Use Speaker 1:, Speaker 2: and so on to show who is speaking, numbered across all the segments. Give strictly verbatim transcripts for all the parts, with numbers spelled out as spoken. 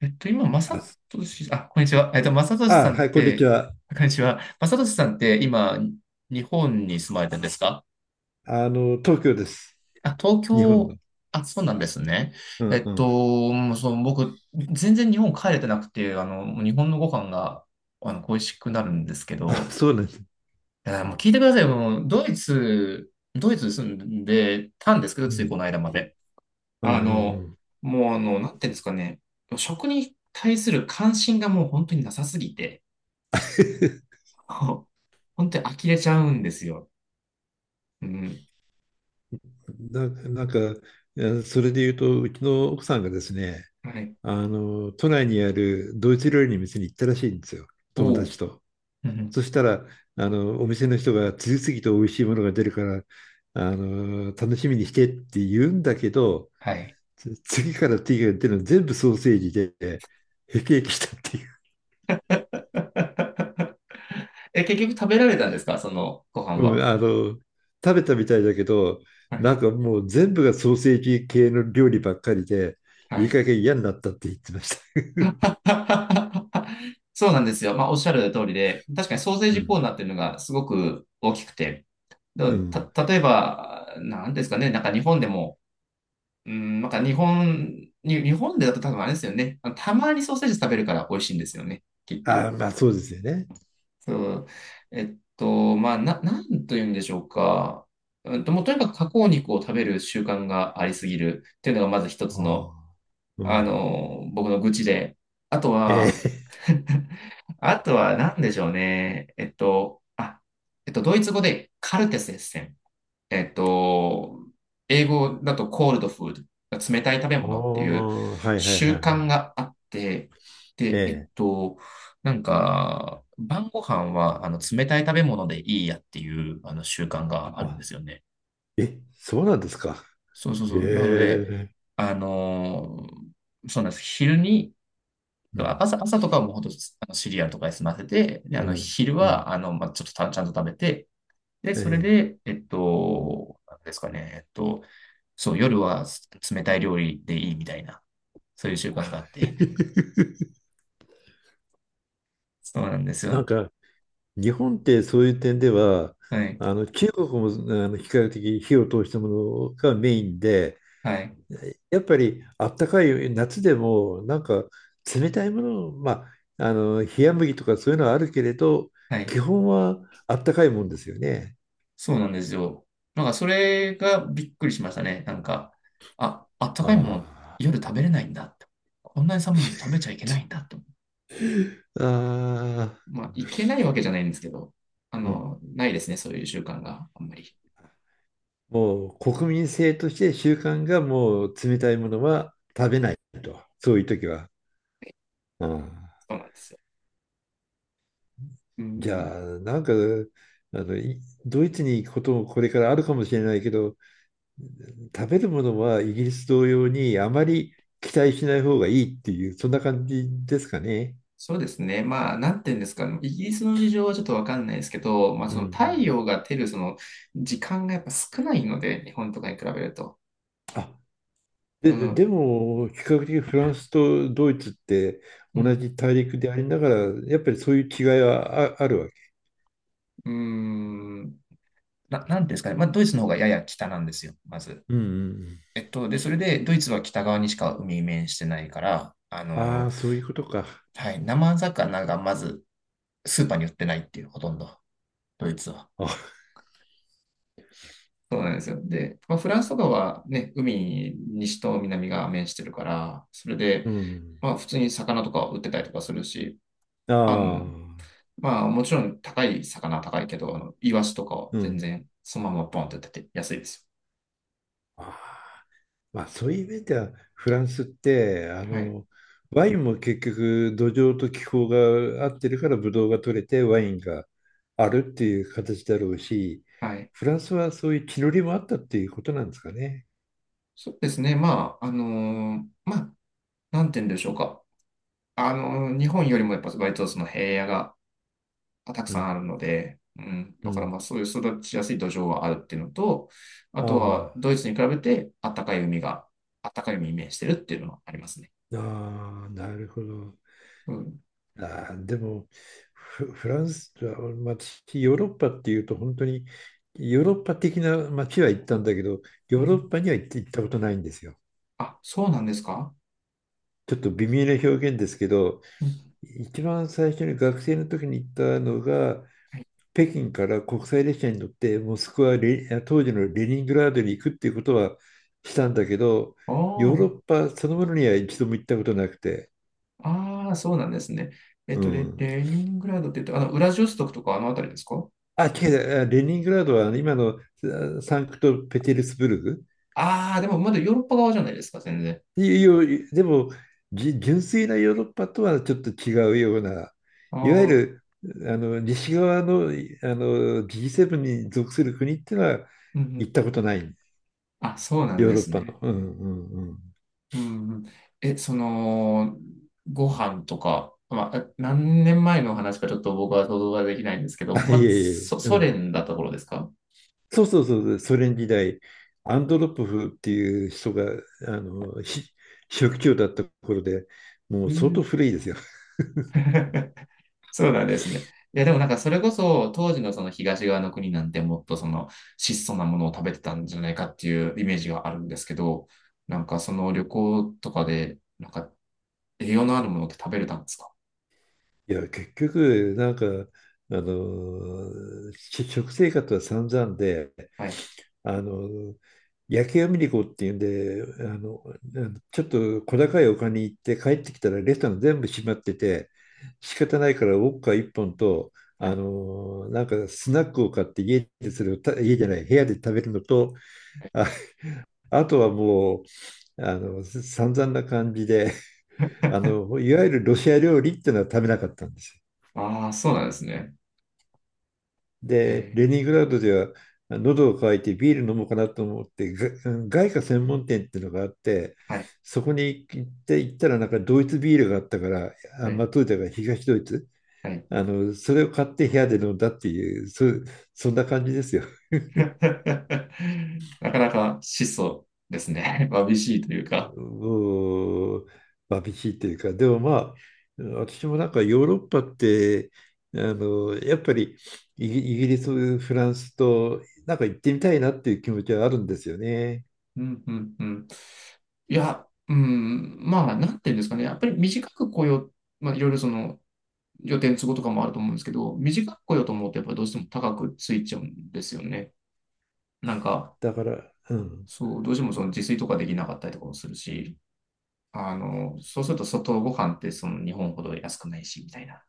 Speaker 1: えっと、今、まさ
Speaker 2: あ、す
Speaker 1: とし、あ、こんにちは。えっと、まさとしさ
Speaker 2: あ、
Speaker 1: ん
Speaker 2: は
Speaker 1: っ
Speaker 2: い、こんにち
Speaker 1: て、
Speaker 2: は。
Speaker 1: あこんにちは。まさとしさんって、今、日本に住まれてるんですか？
Speaker 2: あの、東京です。
Speaker 1: あ、東
Speaker 2: 日本
Speaker 1: 京、
Speaker 2: の。
Speaker 1: あ、そうなんですね。
Speaker 2: う
Speaker 1: え
Speaker 2: んう
Speaker 1: っ
Speaker 2: ん。
Speaker 1: と、もうそう、僕、全然日本帰れてなくて、あの、もう日本のご飯が、あの、恋しくなるんですけ
Speaker 2: あ、
Speaker 1: ど、
Speaker 2: そうなんです。
Speaker 1: いや、もう聞いてくださいよ。もうドイツ、ドイツ住んでたんですけど、
Speaker 2: う
Speaker 1: ついこ
Speaker 2: ん
Speaker 1: の間まで。
Speaker 2: う
Speaker 1: あ
Speaker 2: んうんう
Speaker 1: の、
Speaker 2: ん。
Speaker 1: もう、あの、なんていうんですかね。食に対する関心がもう本当になさすぎて、そう本当に呆れちゃうんですよ。うん。
Speaker 2: な、なんか、いやそれで言うと、うちの奥さんがですね、
Speaker 1: はい。
Speaker 2: あの、都内にあるドイツ料理の店に行ったらしいんですよ、友
Speaker 1: お
Speaker 2: 達
Speaker 1: う。
Speaker 2: と。
Speaker 1: うん。
Speaker 2: そしたら、あの、お店の人が次々と美味しいものが出るから、あの、楽しみにしてって言うんだけど、
Speaker 1: はい。
Speaker 2: つ次から次が出るの全部ソーセージで、へきへきしたって。
Speaker 1: え、結局食べられたんですかそのご飯
Speaker 2: うん、
Speaker 1: は？
Speaker 2: あの、食べたみたいだけど、
Speaker 1: はい。
Speaker 2: なんかもう全部がソーセージ系の料理ばっかりで、
Speaker 1: は
Speaker 2: いい
Speaker 1: い。
Speaker 2: 加減嫌になったって言ってました。
Speaker 1: そうなんですよ。まあ、おっしゃる通りで、確かにソーセ ー
Speaker 2: う
Speaker 1: ジコー
Speaker 2: ん。
Speaker 1: ナーっていうのがすごく大きくて、
Speaker 2: う
Speaker 1: だ
Speaker 2: ん。
Speaker 1: た、例えば、なんですかね、なんか日本でも、うん、なんか日本、に日本でだと多分あれですよね。あのたまにソーセージ食べるから美味しいんですよね、きっと。
Speaker 2: ああ、まあそうですよね。
Speaker 1: そう。えっと、まあ、な、なんというんでしょうか。うんと、もうとにかく加工肉を食べる習慣がありすぎるっていうのがまず一
Speaker 2: あ
Speaker 1: つの、
Speaker 2: あ。う
Speaker 1: あ
Speaker 2: ん。
Speaker 1: の、僕の愚痴で。あと
Speaker 2: え
Speaker 1: は、
Speaker 2: え。
Speaker 1: あとは何でしょうね。えっと、あ、えっと、ドイツ語でカルテスエッセン。えっと、英語だとコールドフード、冷たい食べ
Speaker 2: あ
Speaker 1: 物っていう
Speaker 2: あ、はいはいはい
Speaker 1: 習
Speaker 2: は
Speaker 1: 慣
Speaker 2: い。
Speaker 1: があって、
Speaker 2: え
Speaker 1: で、えっ
Speaker 2: え。
Speaker 1: と、なんか、晩ご飯はあの冷たい食べ物でいいやっていうあの習慣があるんで
Speaker 2: あ、
Speaker 1: すよね。
Speaker 2: え、そうなんですか。
Speaker 1: そうそう
Speaker 2: え
Speaker 1: そう。なので、
Speaker 2: え。
Speaker 1: あのーそうなんです。昼に、
Speaker 2: うん。
Speaker 1: 朝、朝とかはもうほんとあのシリアルとかで済ませて、で、あ
Speaker 2: う
Speaker 1: の、
Speaker 2: ん。
Speaker 1: 昼
Speaker 2: うん。
Speaker 1: は、あの、まあ、ちょっとたちゃんと食べて、で、
Speaker 2: え
Speaker 1: それ
Speaker 2: え。
Speaker 1: で、えっと、なんですかね、えっと、そう、夜は冷たい料理でいいみたいな、そういう習慣があって、そうなんです
Speaker 2: な
Speaker 1: よ。
Speaker 2: んか、日本ってそういう点では、
Speaker 1: はい、
Speaker 2: あの中国もあの比較的火を通したものがメインで、
Speaker 1: はい、
Speaker 2: やっぱりあったかい夏でもなんか冷たいもの、まあ、あの冷麦とかそういうのはあるけれど、
Speaker 1: は
Speaker 2: 基
Speaker 1: い。
Speaker 2: 本はあったかいもんですよね。
Speaker 1: そうなんですよ。なんか、それがびっくりしましたね。なんか、あ、あったかいもの、
Speaker 2: あ
Speaker 1: 夜食べれないんだって。こんなに寒いの食べちゃいけないんだって。
Speaker 2: あ、ああ、
Speaker 1: まあ、いけないわけじゃないんですけど、あ
Speaker 2: うん。
Speaker 1: の、ないですね、そういう習慣があんまり。
Speaker 2: もう国民性として習慣がもう冷たいものは、とそういう時は。うん。
Speaker 1: そうなんですよ。う
Speaker 2: じ
Speaker 1: ん、
Speaker 2: ゃあ、なんか、あの、いドイツに行くこともこれからあるかもしれないけど、食べるものはイギリス同様にあまり期待しない方がいいっていう、そんな感じですかね。
Speaker 1: そうですね。まあ、なんて言うんですかね。イギリスの事情はちょっとわかんないですけど、まあ、
Speaker 2: うん
Speaker 1: そ
Speaker 2: う
Speaker 1: の太
Speaker 2: ん。
Speaker 1: 陽が照るその時間がやっぱ少ないので、日本とかに比べると。
Speaker 2: あ、で、
Speaker 1: う
Speaker 2: で
Speaker 1: ん。
Speaker 2: でも、比較的フランスとドイツって
Speaker 1: う
Speaker 2: 同
Speaker 1: ん。
Speaker 2: じ大陸でありながら、やっぱりそういう違いはあ、あるわけ。
Speaker 1: うーん。な、なてうんですかね。まあ、ドイツの方がやや北なんですよ、まず。
Speaker 2: うんうんうん。
Speaker 1: えっと、で、それで、ドイツは北側にしか海に面してないから、あ
Speaker 2: あ
Speaker 1: の、
Speaker 2: あ、そういうことか。
Speaker 1: はい、生魚がまずスーパーに売ってないっていう、ほとんど、ドイツは。
Speaker 2: あ、
Speaker 1: そうなんですよ。で、まあ、フランスとかはね、海、西と南が面してるから、それ
Speaker 2: う
Speaker 1: で、
Speaker 2: ん。
Speaker 1: まあ、普通に魚とか売ってたりとかするし、
Speaker 2: あ
Speaker 1: あ
Speaker 2: あ、
Speaker 1: の、まあ、もちろん高い魚は高いけど、あの、イワシとかは
Speaker 2: う
Speaker 1: 全
Speaker 2: ん。
Speaker 1: 然、そのままポンって出て安いです
Speaker 2: あーまあ、そういう面ではフランスってあ
Speaker 1: よ。はい。
Speaker 2: のワインも結局土壌と気候が合ってるからブドウが取れてワインがあるっていう形だろうし、
Speaker 1: はい。
Speaker 2: フランスはそういう地の利もあったっていうことなんですかね。
Speaker 1: そうですね。まあ、あのーまあ、なんて言うんでしょうか。あのー日本よりもやっぱ割とその平野ががたく
Speaker 2: う
Speaker 1: さんあ
Speaker 2: ん、
Speaker 1: るので、うん、
Speaker 2: う
Speaker 1: だから
Speaker 2: ん、
Speaker 1: まあそういう育ちやすい土壌はあるっていうのと、あ
Speaker 2: あ
Speaker 1: とは
Speaker 2: あ、
Speaker 1: ドイツに比べてあったかい海が、あったかい海に面してるっていうのはありますね。
Speaker 2: ああなるほど。
Speaker 1: うん。
Speaker 2: ああでもフ、フランス、あまあ、私ヨーロッパっていうと本当にヨーロッパ的な街は行ったんだけど、
Speaker 1: う
Speaker 2: ヨーロッ
Speaker 1: ん。
Speaker 2: パには行って行ったことないんですよ。
Speaker 1: あ、そうなんですか？
Speaker 2: ちょっと微妙な表現ですけど、
Speaker 1: うん。
Speaker 2: 一番最初に学生の時に行ったのが、北京から国際列車に乗ってモスクワレ、当時のレニングラードに行くっていうことはしたんだけど、ヨーロ
Speaker 1: あ
Speaker 2: ッパそのものには一度も行ったことなくて、
Speaker 1: あ、ああ、そうなんですね。えっ
Speaker 2: う
Speaker 1: と、レ、
Speaker 2: ん。
Speaker 1: レーニングラードって言って、あの、ウラジオストクとかあの辺りですか？
Speaker 2: あ、違う、あレニングラードは今のあサンクトペテルスブルグ。
Speaker 1: ああー、でもまだヨーロッパ側じゃないですか、全然。
Speaker 2: いやでも、じ純粋なヨーロッパとはちょっと違うような、
Speaker 1: あ
Speaker 2: いわゆ
Speaker 1: あ、
Speaker 2: るあの西側の、あの ジーセブン に属する国ってのは
Speaker 1: うんう
Speaker 2: 行っ
Speaker 1: ん。
Speaker 2: たことない、
Speaker 1: あ、そうなん
Speaker 2: ヨー
Speaker 1: で
Speaker 2: ロッ
Speaker 1: す
Speaker 2: パ
Speaker 1: ね。
Speaker 2: の。うんうんうん。
Speaker 1: うんうん。え、その、ご飯とか、まあ、何年前の話かちょっと僕は想像ができないんですけど、
Speaker 2: あ、い
Speaker 1: まあ、
Speaker 2: えいえ、
Speaker 1: ソ、
Speaker 2: う
Speaker 1: ソ
Speaker 2: ん。
Speaker 1: 連だった頃ですか？
Speaker 2: そうそうそうそう、ソ連時代、アンドロポフっていう人があのし書記長だった頃で、もう
Speaker 1: う
Speaker 2: 相当
Speaker 1: ん。
Speaker 2: 古いですよ。
Speaker 1: そうなんですね。いや、でもなんかそれこそ当時のその東側の国なんてもっとその質素なものを食べてたんじゃないかっていうイメージがあるんですけど、なんかその旅行とかで、なんか栄養のあるものって食べれたんですか？
Speaker 2: いや、結局、なんか、あの、し食生活は散々で、
Speaker 1: はい。
Speaker 2: あの、夜景を見に行こうっていうんで、あの、ちょっと小高い丘に行って帰ってきたらレストラン全部閉まってて、仕方ないからウォッカいっぽんと、
Speaker 1: は
Speaker 2: あ
Speaker 1: い。
Speaker 2: の、なんかスナックを買って家でそれをた、家じゃない、部屋で食べるのと、あ、あとはもう、あの、散々な感じで、あの、いわゆるロシア料理っていうのは食べなかったんですよ。
Speaker 1: あ。 あ、そうなんですね。へ
Speaker 2: で、
Speaker 1: え。
Speaker 2: レニングラードでは喉を渇いてビール飲もうかなと思ってが、外貨専門店っていうのがあって、
Speaker 1: はい。
Speaker 2: そこに行って行ったらなんかドイツビールがあったから、
Speaker 1: は
Speaker 2: あ、ま
Speaker 1: い。
Speaker 2: あ、当時だから東ドイツ、
Speaker 1: はい。
Speaker 2: あのそれを買って部屋で飲んだっていう、そ、そんな感じですよ。
Speaker 1: なかなか質素ですね。わびしいというか。
Speaker 2: もう寂しいというかでもまあ私もなんかヨーロッパってあのやっぱりイギイギリスフランスとなんか行ってみたいなっていう気持ちはあるんですよね。
Speaker 1: うん、うん、うん。いや、うん、まあ、なんていうんですかね。やっぱり短く来よう、まあ、いろいろその予定の都合とかもあると思うんですけど、短く来ようと思うと、やっぱりどうしても高くついちゃうんですよね。なんか、
Speaker 2: だから、うん。
Speaker 1: そう、どうしてもその自炊とかできなかったりとかもするし、あの、そうすると外ご飯ってその日本ほど安くないし、みたいな。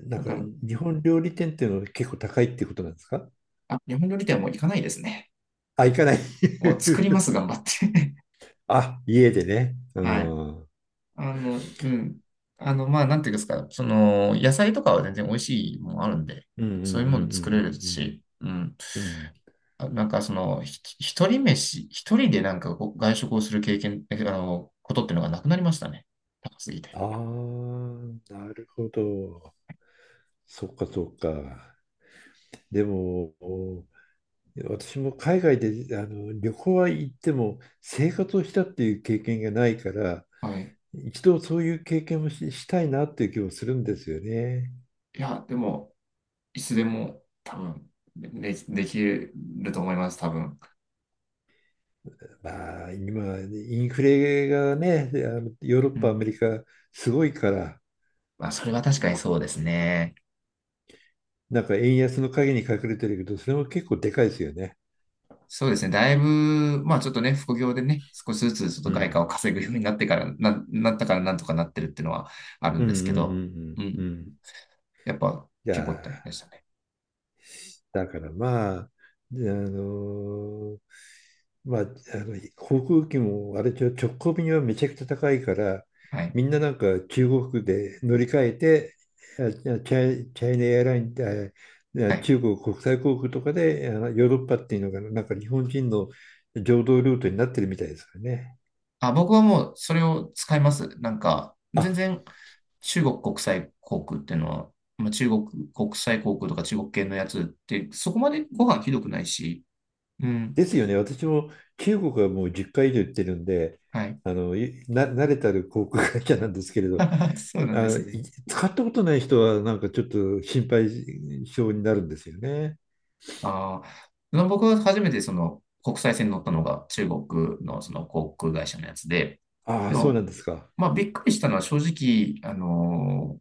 Speaker 2: だ
Speaker 1: だ
Speaker 2: か
Speaker 1: か
Speaker 2: ら、
Speaker 1: ら、
Speaker 2: 日本料理店っていうのは結構高いっていうことなんですか？
Speaker 1: あ、日本料理店はもう行かないですね。
Speaker 2: あ、行かない。
Speaker 1: もう 作ります、頑張って。
Speaker 2: あ、家でね。う
Speaker 1: はい。
Speaker 2: ん。うん
Speaker 1: あの、うん。あの、まあ、なんていうんですか、その、野菜とかは全然美味しいもんあるんで、
Speaker 2: うんう
Speaker 1: そういうもの
Speaker 2: ん
Speaker 1: 作れるし、うん。
Speaker 2: うんうんうん。
Speaker 1: あなんか、その、ひ一人飯、一人でなんかこう外食をする経験、えあの、ことっていうのがなくなりましたね。高すぎて。
Speaker 2: ああー、なるほど。そっかそっか。でも、私も海外であの旅行は行っても生活をしたっていう経験がないから、
Speaker 1: はい。
Speaker 2: 一度そういう経験もし、したいなっていう気もするんですよね。
Speaker 1: いや、でも、いつでも多分、で、できると思います、多分。
Speaker 2: まあ、今、インフレがね、あのヨーロ
Speaker 1: う
Speaker 2: ッパ、ア
Speaker 1: ん。
Speaker 2: メリカ、すごいから、
Speaker 1: まあ、それは確かにそうですね。
Speaker 2: なんか円安の陰に隠れてるけど、それも結構でかいですよね。
Speaker 1: そうですね。だいぶ、まあちょっとね、副業でね、少しずつちょっと
Speaker 2: う
Speaker 1: 外貨
Speaker 2: ん。
Speaker 1: を稼ぐようになってから、な、なったからなんとかなってるっていうのはある
Speaker 2: う
Speaker 1: ん
Speaker 2: んう
Speaker 1: ですけ
Speaker 2: んう
Speaker 1: ど、う
Speaker 2: んうん
Speaker 1: ん。
Speaker 2: うん。
Speaker 1: やっぱ
Speaker 2: いや
Speaker 1: 結構大変
Speaker 2: ー、
Speaker 1: でしたね。
Speaker 2: だからまあ、であのーまあ、あの航空機もあれちょ直行便はめちゃくちゃ高いから、
Speaker 1: はい。
Speaker 2: みんななんか中国で乗り換えて、あチャイ、チャイナエアラインで、あ
Speaker 1: はい。
Speaker 2: 中国国際航空とかであのヨーロッパっていうのがなんか日本人の常道ルートになってるみたいですよね。
Speaker 1: あ、僕はもうそれを使います。なんか、
Speaker 2: あ、
Speaker 1: 全然中国国際航空っていうのは、まあ、中国国際航空とか中国系のやつって、そこまでご飯ひどくないし、うん。
Speaker 2: ですよね。私も中国はもうじゅっかい以上行ってるんで、
Speaker 1: はい。
Speaker 2: あのいな慣れたる航空会社なんですけれど、
Speaker 1: そうなんで
Speaker 2: あ、
Speaker 1: すね。
Speaker 2: い使ったことない人はなんかちょっと心配性になるんですよね。
Speaker 1: ああ、僕は初めてその国際線に乗ったのが中国のその航空会社のやつで、
Speaker 2: あ
Speaker 1: で
Speaker 2: あ、そうな
Speaker 1: も、
Speaker 2: んですか。
Speaker 1: まあびっくりしたのは正直、あの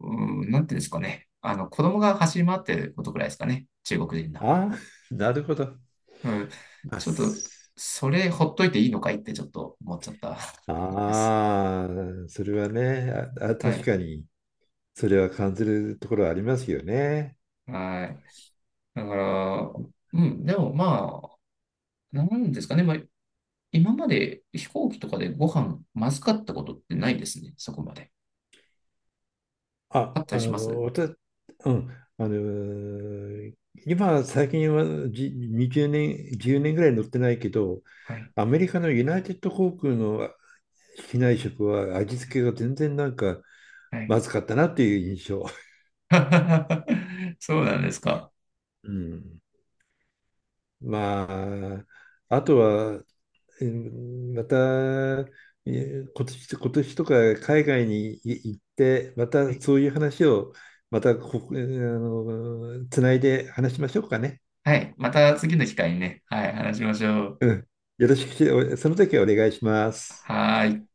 Speaker 1: うん、なんていうんですかね。あの、子供が走り回ってることくらいですかね。中国人な。
Speaker 2: ああ、なるほど。
Speaker 1: うん。
Speaker 2: あ、
Speaker 1: ちょっと、
Speaker 2: す
Speaker 1: それほっといていいのかいってちょっと思っちゃった。 です。
Speaker 2: あー、それはね、あ、あ
Speaker 1: は
Speaker 2: 確
Speaker 1: い。
Speaker 2: かに、それは感じるところはありますよね。
Speaker 1: はい。だから、うん、でもまあ、なんですかね。まあ、今まで飛行機とかでご飯まずかったことってないですね。そこまで。
Speaker 2: あ、
Speaker 1: あった
Speaker 2: あ
Speaker 1: りしま
Speaker 2: の、
Speaker 1: す
Speaker 2: 私、うん、あの、今、最近はじにじゅうねん、じゅうねんぐらい乗ってないけど、
Speaker 1: はい。
Speaker 2: アメリカのユナイテッド航空の機内食は味付けが全然なんか
Speaker 1: はい。
Speaker 2: まずかったなっていう印象。
Speaker 1: そうなんですか。
Speaker 2: うん、まあ、あとは、えーまた、えー今年、今年とか海外にい行って、また
Speaker 1: はい。
Speaker 2: そういう話を、またここ、えーあの、つないで話しましょうかね。
Speaker 1: はい、また次の機会にね、はい、話しましょう。
Speaker 2: うん。よろしくし、おその時はお願いします。
Speaker 1: はーい。